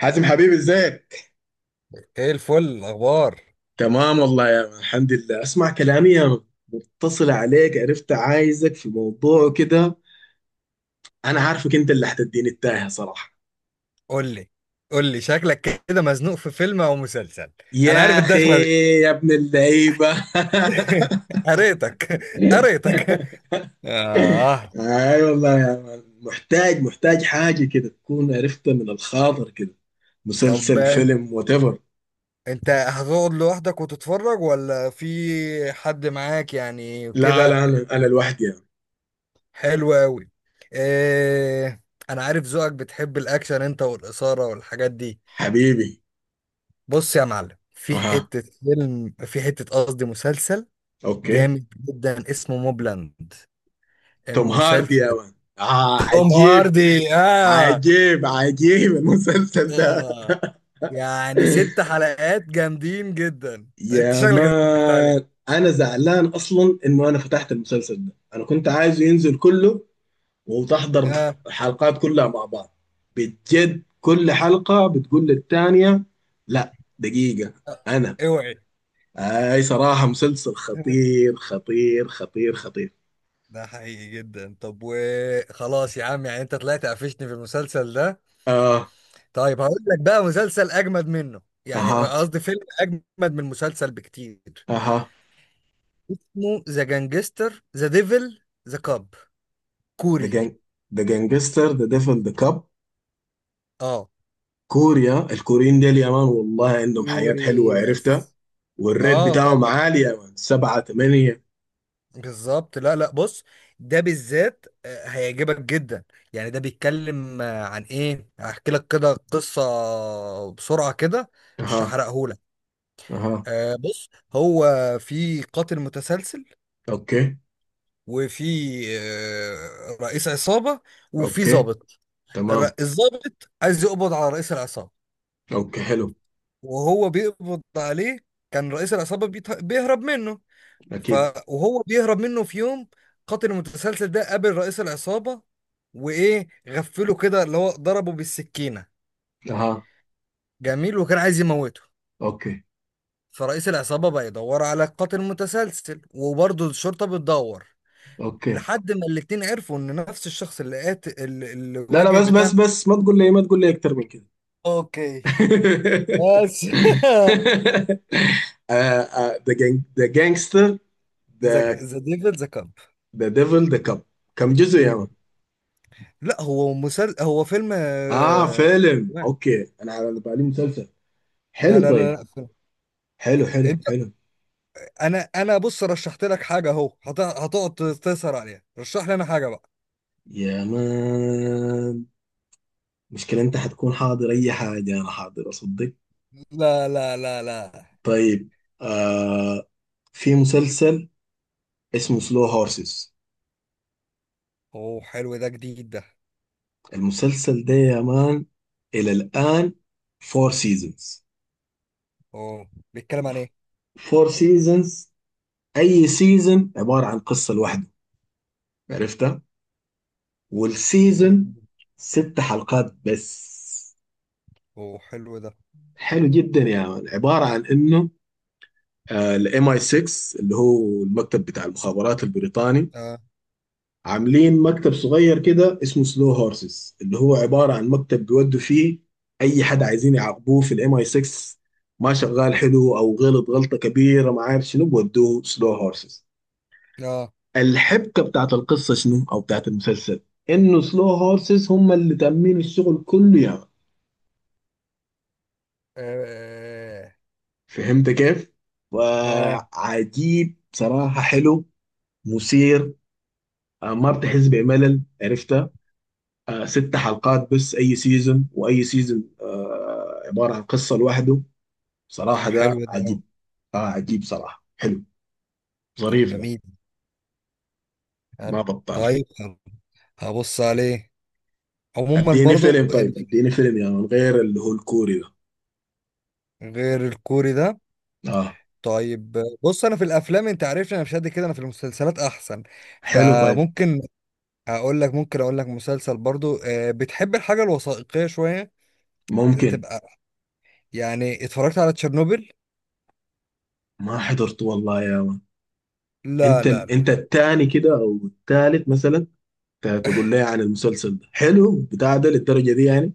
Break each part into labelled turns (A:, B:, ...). A: حازم، حبيبي، ازيك؟
B: ايه الفل الاخبار.
A: تمام والله يا من، الحمد لله. اسمع كلامي يا من، متصل عليك عرفت، عايزك في موضوع كده. انا عارفك انت اللي هتديني التاهة صراحة.
B: قول لي. شكلك كده مزنوق في فيلم او مسلسل. انا عارف
A: يا اخي،
B: الدخله دي.
A: يا ابن اللعيبة
B: قريتك. قريتك اه.
A: اي والله يا من، محتاج حاجة كده تكون عرفتها من الخاطر كده،
B: طب
A: مسلسل،
B: انت،
A: فيلم، وات ايفر.
B: هتقعد لوحدك وتتفرج ولا في حد معاك يعني
A: لا
B: كده؟
A: لا، انا لوحدي يا من.
B: حلو قوي. إيه، انا عارف ذوقك بتحب الاكشن انت والاثاره والحاجات دي.
A: حبيبي.
B: بص يا معلم، في
A: اها.
B: حته فيلم، في حته قصدي مسلسل
A: اوكي.
B: جامد جدا اسمه موبلاند،
A: توم هاردي
B: المسلسل.
A: يا من، اه،
B: توم
A: عجيب.
B: هاردي، آه.
A: عجيب عجيب المسلسل ده.
B: آه، يعني ست حلقات جامدين جدا، انت
A: يا
B: شكلك اتفرجت عليه.
A: مان انا زعلان اصلا انه انا فتحت المسلسل ده، انا كنت عايزه ينزل كله وتحضر
B: آه.
A: الحلقات كلها مع بعض. بجد كل حلقة بتقول للتانية لا دقيقة.
B: آه،
A: انا
B: اوعي.
A: اي صراحة، مسلسل خطير خطير خطير خطير.
B: ده حقيقي جدا. طب وخلاص يا عم، يعني انت طلعت قفشتني في المسلسل ده.
A: اه.
B: طيب هقول لك بقى مسلسل اجمد منه، يعني
A: اها.
B: قصدي فيلم اجمد من المسلسل بكتير.
A: اها.
B: اسمه ذا جانجستر ذا ديفل ذا كاب،
A: ذا
B: كوري.
A: جانج، ذا جانجستر ذا ديفل ذا كاب.
B: اه
A: كوريا، الكوريين ديل يا مان والله عندهم حياة
B: كوري،
A: حلوة، عرفتها.
B: يس.
A: والريت
B: اه
A: بتاعهم
B: طبعا،
A: عالي يا مان، سبعة تمانية.
B: بالظبط. لا لا، بص، ده بالذات آه، هيعجبك جدا. يعني ده بيتكلم آه، عن ايه. هحكي لك كده قصة بسرعة كده، مش
A: اها.
B: هحرقهولك.
A: اها.
B: آه، بص، هو في قاتل متسلسل،
A: اوكي.
B: وفي آه، رئيس عصابة، وفي
A: اوكي.
B: ضابط.
A: تمام.
B: الضابط عايز يقبض على رئيس العصابة،
A: اوكي حلو.
B: وهو بيقبض عليه كان رئيس العصابة بيهرب منه. ف
A: اكيد.
B: وهو بيهرب منه، في يوم قاتل المتسلسل ده قابل رئيس العصابة وإيه غفله كده اللي هو ضربه بالسكينة.
A: اها.
B: جميل، وكان عايز يموته.
A: اوكي.
B: فرئيس العصابة بقى يدور على القاتل المتسلسل، وبرضه الشرطة بتدور،
A: اوكي.
B: لحد ما الاتنين عرفوا إن نفس الشخص اللي قاتل اللي
A: لا لا،
B: واجه
A: بس بس
B: بتاعنا.
A: بس، ما تقول لي، ما تقول لي اكتر من كده.
B: اوكي، بس.
A: ذا جانج، ذا جانجستر،
B: ذا
A: ذا
B: ديفل ذا كاب.
A: ذا ديفل ذا كاب. كم جزء يا مان؟
B: لا هو مسل، هو فيلم
A: اه
B: آه،
A: فيلم،
B: لا
A: اوكي، انا على بالي مسلسل.
B: لا
A: حلو
B: لا
A: طيب.
B: لا
A: حلو حلو
B: فيلم.
A: حلو.
B: انا بص، رشحت لك حاجه اهو هتقعد تسهر عليها. رشح لي انا حاجه بقى.
A: يا مان مشكلة، انت حتكون حاضر اي حاجة انا حاضر، اصدق.
B: لا لا لا لا.
A: طيب. آه. في مسلسل اسمه سلو هورسز.
B: اوه حلو ده، جديد ده.
A: المسلسل ده يا مان، الى الان فور سيزونز.
B: اوه، بيتكلم عن ايه؟
A: فور سيزونز، اي سيزون عبارة عن قصة لوحده، عرفتها.
B: مم.
A: والسيزون ست حلقات بس.
B: اوه حلو ده.
A: حلو جدا يا مان، عبارة عن انه الام اي 6 اللي هو المكتب بتاع المخابرات البريطاني،
B: اه،
A: عاملين مكتب صغير كده اسمه سلو هورسز، اللي هو عبارة عن مكتب بيودوا فيه أي حد عايزين يعاقبوه في الام اي 6. ما شغال حلو أو غلط غلطة كبيرة ما عارف شنو، بودوه سلو هورسز.
B: اه،
A: الحبكة بتاعت القصة شنو أو بتاعت المسلسل، إنه سلو هورسز هم اللي تأمين الشغل كله يعني.
B: اه،
A: فهمت كيف؟
B: آه.
A: وعجيب صراحة، حلو، مثير، ما بتحس بملل، عرفت. ست حلقات بس، اي سيزون واي سيزون، عباره عن قصه لوحده.
B: طب
A: صراحه ده
B: حلو ده أوي.
A: عجيب. اه عجيب صراحه، حلو،
B: طب
A: ظريف ده،
B: جميل، حلو،
A: ما بطال.
B: طيب، حلو. هبص عليه. عموما
A: اديني
B: برضو
A: فيلم
B: ال-،
A: طيب، اديني فيلم يا من غير اللي هو الكوري ده.
B: غير الكوري ده.
A: اه.
B: طيب، بص، انا في الافلام انت عارفني، انا مش قد كده، انا في المسلسلات احسن،
A: حلو طيب.
B: فممكن هقول لك، ممكن اقول لك مسلسل برضو آه، بتحب الحاجه الوثائقيه شويه
A: ممكن.
B: تبقى، يعني اتفرجت على تشيرنوبل؟
A: ما حضرته والله يا من.
B: لا
A: انت
B: لا لا
A: انت الثاني كده او الثالث مثلا، تقول لي عن المسلسل ده حلو بتاع ده للدرجه دي يعني.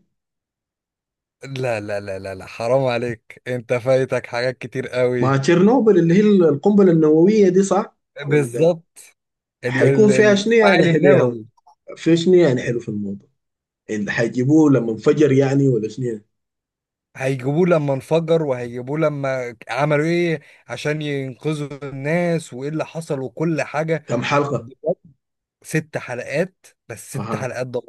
B: لا لا، لا لا لا، حرام عليك، انت فايتك حاجات كتير
A: ما
B: قوي.
A: تشيرنوبل اللي هي القنبله النوويه دي، صح ولا؟
B: بالظبط،
A: حيكون فيها شنو يعني
B: المفاعل
A: حلو يا
B: النووي.
A: من؟ في شنو يعني حلو في الموضوع، اللي حيجيبوه لما انفجر يعني، ولا شنو يعني؟
B: هيجيبوه لما انفجر، وهيجيبوه لما عملوا ايه عشان ينقذوا الناس، وايه اللي حصل وكل حاجه.
A: كم حلقة؟
B: بجد، ست حلقات بس، ست
A: اها.
B: حلقات ده.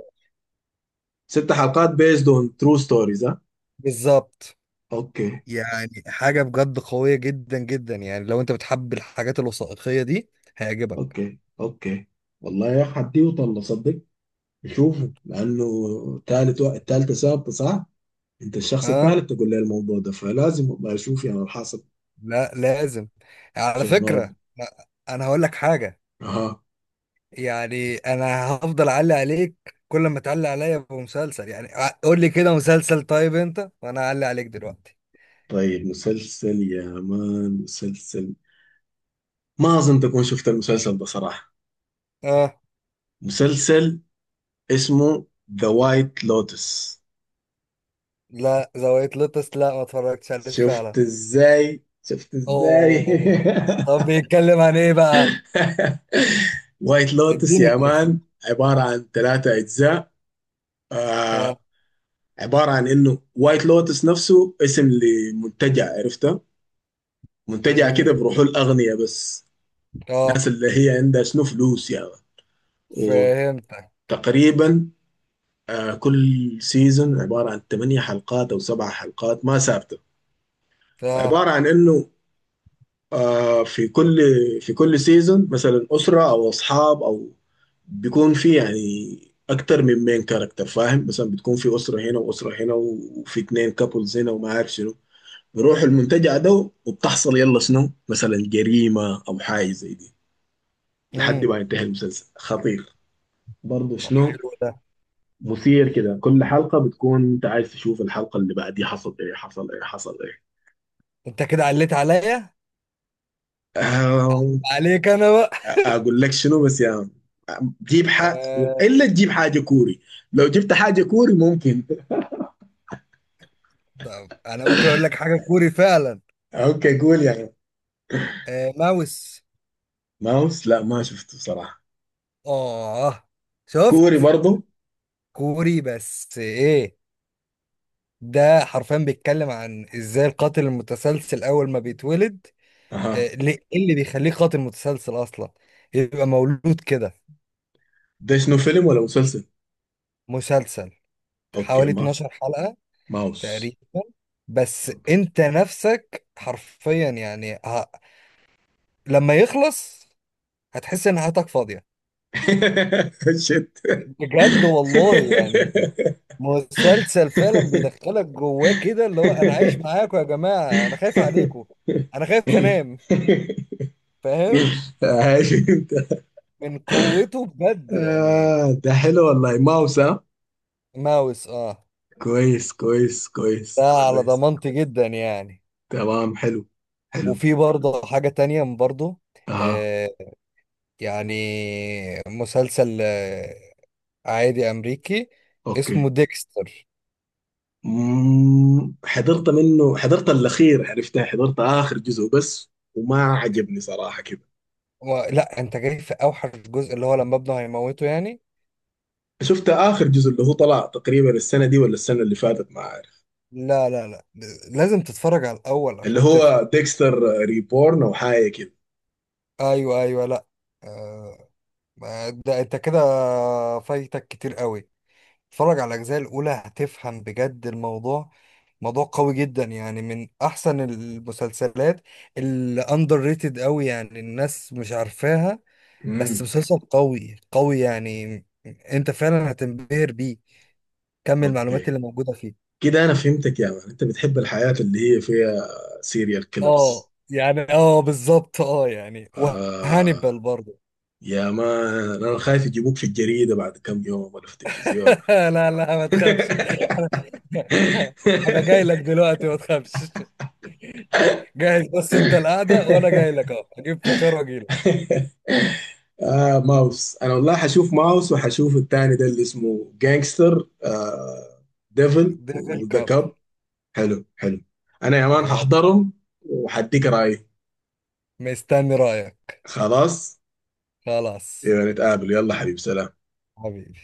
A: ست حلقات based on true stories، ها؟
B: بالظبط.
A: اوكي
B: يعني حاجة بجد قوية جدا جدا، يعني لو انت بتحب الحاجات الوثائقية دي هيعجبك.
A: اوكي اوكي. والله يا اخي حديه طلع صدق، نشوفه لانه تالت التالتة ثابتة صح. انت الشخص
B: اه،
A: الثالث تقول لي الموضوع ده، فلازم والله اشوف يعني الحاصل.
B: لا لازم. على فكرة
A: تشيرنوبل.
B: لا، انا هقول لك حاجة،
A: اها.
B: يعني انا هفضل اعلق عليك كل ما تعلق عليا بمسلسل. يعني قول لي كده مسلسل طيب انت وانا اعلق عليك دلوقتي.
A: طيب مسلسل يا مان، مسلسل ما اظن تكون شفت المسلسل ده صراحة.
B: اه،
A: مسلسل اسمه ذا وايت لوتس.
B: لا، زاوية لوتس، لا ما اتفرجتش عليه فعلا.
A: شفت ازاي، شفت ازاي.
B: اوه. طب بيتكلم عن ايه بقى؟
A: وايت لوتس
B: اديني
A: يا
B: كده.
A: مان عبارة عن ثلاثة أجزاء.
B: اه.
A: آه، عبارة عن إنه وايت لوتس نفسه اسم لمنتجع، عرفته. منتجع
B: امم،
A: كده بروحه الأغنياء بس،
B: اه،
A: الناس اللي هي عندها شنو فلوس يعني.
B: فهمتك.
A: وتقريبا كل سيزون عبارة عن ثمانية حلقات أو سبع حلقات، ما ثابتة.
B: اه.
A: عبارة عن إنه، آه في كل في كل سيزون مثلا أسرة أو أصحاب أو بيكون في يعني أكتر من مين كاركتر، فاهم؟ مثلا بتكون في أسرة هنا وأسرة هنا وفي اتنين كابلز هنا وما عارف شنو، بيروحوا المنتجع ده وبتحصل يلا شنو مثلا جريمة أو حاجة زي دي، لحد
B: امم.
A: ما ينتهي المسلسل. خطير برضه
B: طب
A: شنو،
B: حلو ده.
A: مثير كده، كل حلقة بتكون أنت عايز تشوف الحلقة اللي بعديها، حصل إيه حصل إيه حصل
B: انت كده عليت عليا،
A: إيه.
B: عليك انا بقى.
A: اقول لك شنو بس يا عم، جيب حاجة.
B: آه.
A: الا تجيب حاجة كوري، لو جبت حاجة كوري ممكن.
B: طب انا ممكن اقول لك حاجه كوري فعلا.
A: اوكي قول يا عم.
B: آه، ماوس.
A: ماوس؟ لا ما شفته صراحة.
B: اه،
A: كوري
B: شفت.
A: برضو.
B: كوري بس ايه، ده حرفيا بيتكلم عن ازاي القاتل المتسلسل اول ما بيتولد
A: اها.
B: آه، ليه إيه اللي بيخليه قاتل متسلسل اصلا، يبقى مولود كده.
A: ده شنو فيلم ولا مسلسل؟
B: مسلسل،
A: اوكي.
B: حوالي
A: ما.
B: 12 حلقه
A: ماوس.
B: تقريبا. بس
A: اوكي.
B: انت نفسك حرفيا يعني لما يخلص هتحس ان حياتك فاضيه
A: شت.
B: بجد والله. يعني مسلسل فعلا بيدخلك جواه كده، اللي هو انا عايش معاكم يا جماعه، انا خايف عليكم، انا خايف انام، فاهم؟
A: آه، شفت.
B: من قوته بجد يعني.
A: آه، ده حلو والله. ماوس، ها؟
B: ماوس، اه،
A: كويس كويس
B: ده
A: كويس
B: على
A: كويس.
B: ضمانتي جدا يعني.
A: تمام. حلو. حلو.
B: وفي برضه حاجه تانية برضه،
A: اها.
B: آه، يعني مسلسل آه عادي امريكي
A: اوكي.
B: اسمه ديكستر.
A: مم. حضرت منه، حضرت الاخير عرفتها، حضرت اخر جزء بس وما عجبني صراحه كده.
B: لا انت جاي في اوحش جزء اللي هو لما ابنه هيموته. يعني
A: شفت اخر جزء اللي هو طلع تقريبا السنه دي ولا السنه اللي فاتت ما عارف.
B: لا لا لا، لازم تتفرج على الأول
A: اللي
B: عشان تفهم.
A: هو ديكستر ريبورن او حاجه كده.
B: أيوه أيوه، لا، آه، ده أنت كده فايتك كتير قوي. اتفرج على الأجزاء الأولى هتفهم بجد الموضوع، موضوع قوي جدا، يعني من أحسن المسلسلات اللي أندر ريتد قوي، يعني الناس مش عارفاها، بس
A: امم.
B: مسلسل قوي قوي، يعني أنت فعلا هتنبهر بيه كم المعلومات
A: اوكي.
B: اللي موجودة فيه.
A: كده انا فهمتك يا مان، انت بتحب الحياه اللي هي فيها سيريال كيلرز.
B: اه يعني، اه بالظبط، اه يعني، وهانيبال
A: آه
B: برضه.
A: يا مان انا خايف يجيبوك في الجريده بعد كم يوم ولا في التلفزيون.
B: لا لا، ما تخافش. انا جاي لك دلوقتي، ما تخافش. جاهز، بس انت القعده وانا جاي لك اهو، اجيب فشار واجي لك.
A: ماوس، انا والله حشوف ماوس وحشوف التاني ده اللي اسمه جانجستر، ديفل
B: ديفل
A: وذا
B: كاب.
A: كاب. حلو حلو. انا يا مان
B: خلاص.
A: هحضرهم وحديك رايي.
B: مستني رايك.
A: خلاص،
B: خلاص.
A: يبقى نتقابل. يلا حبيبي سلام.
B: حبيبي.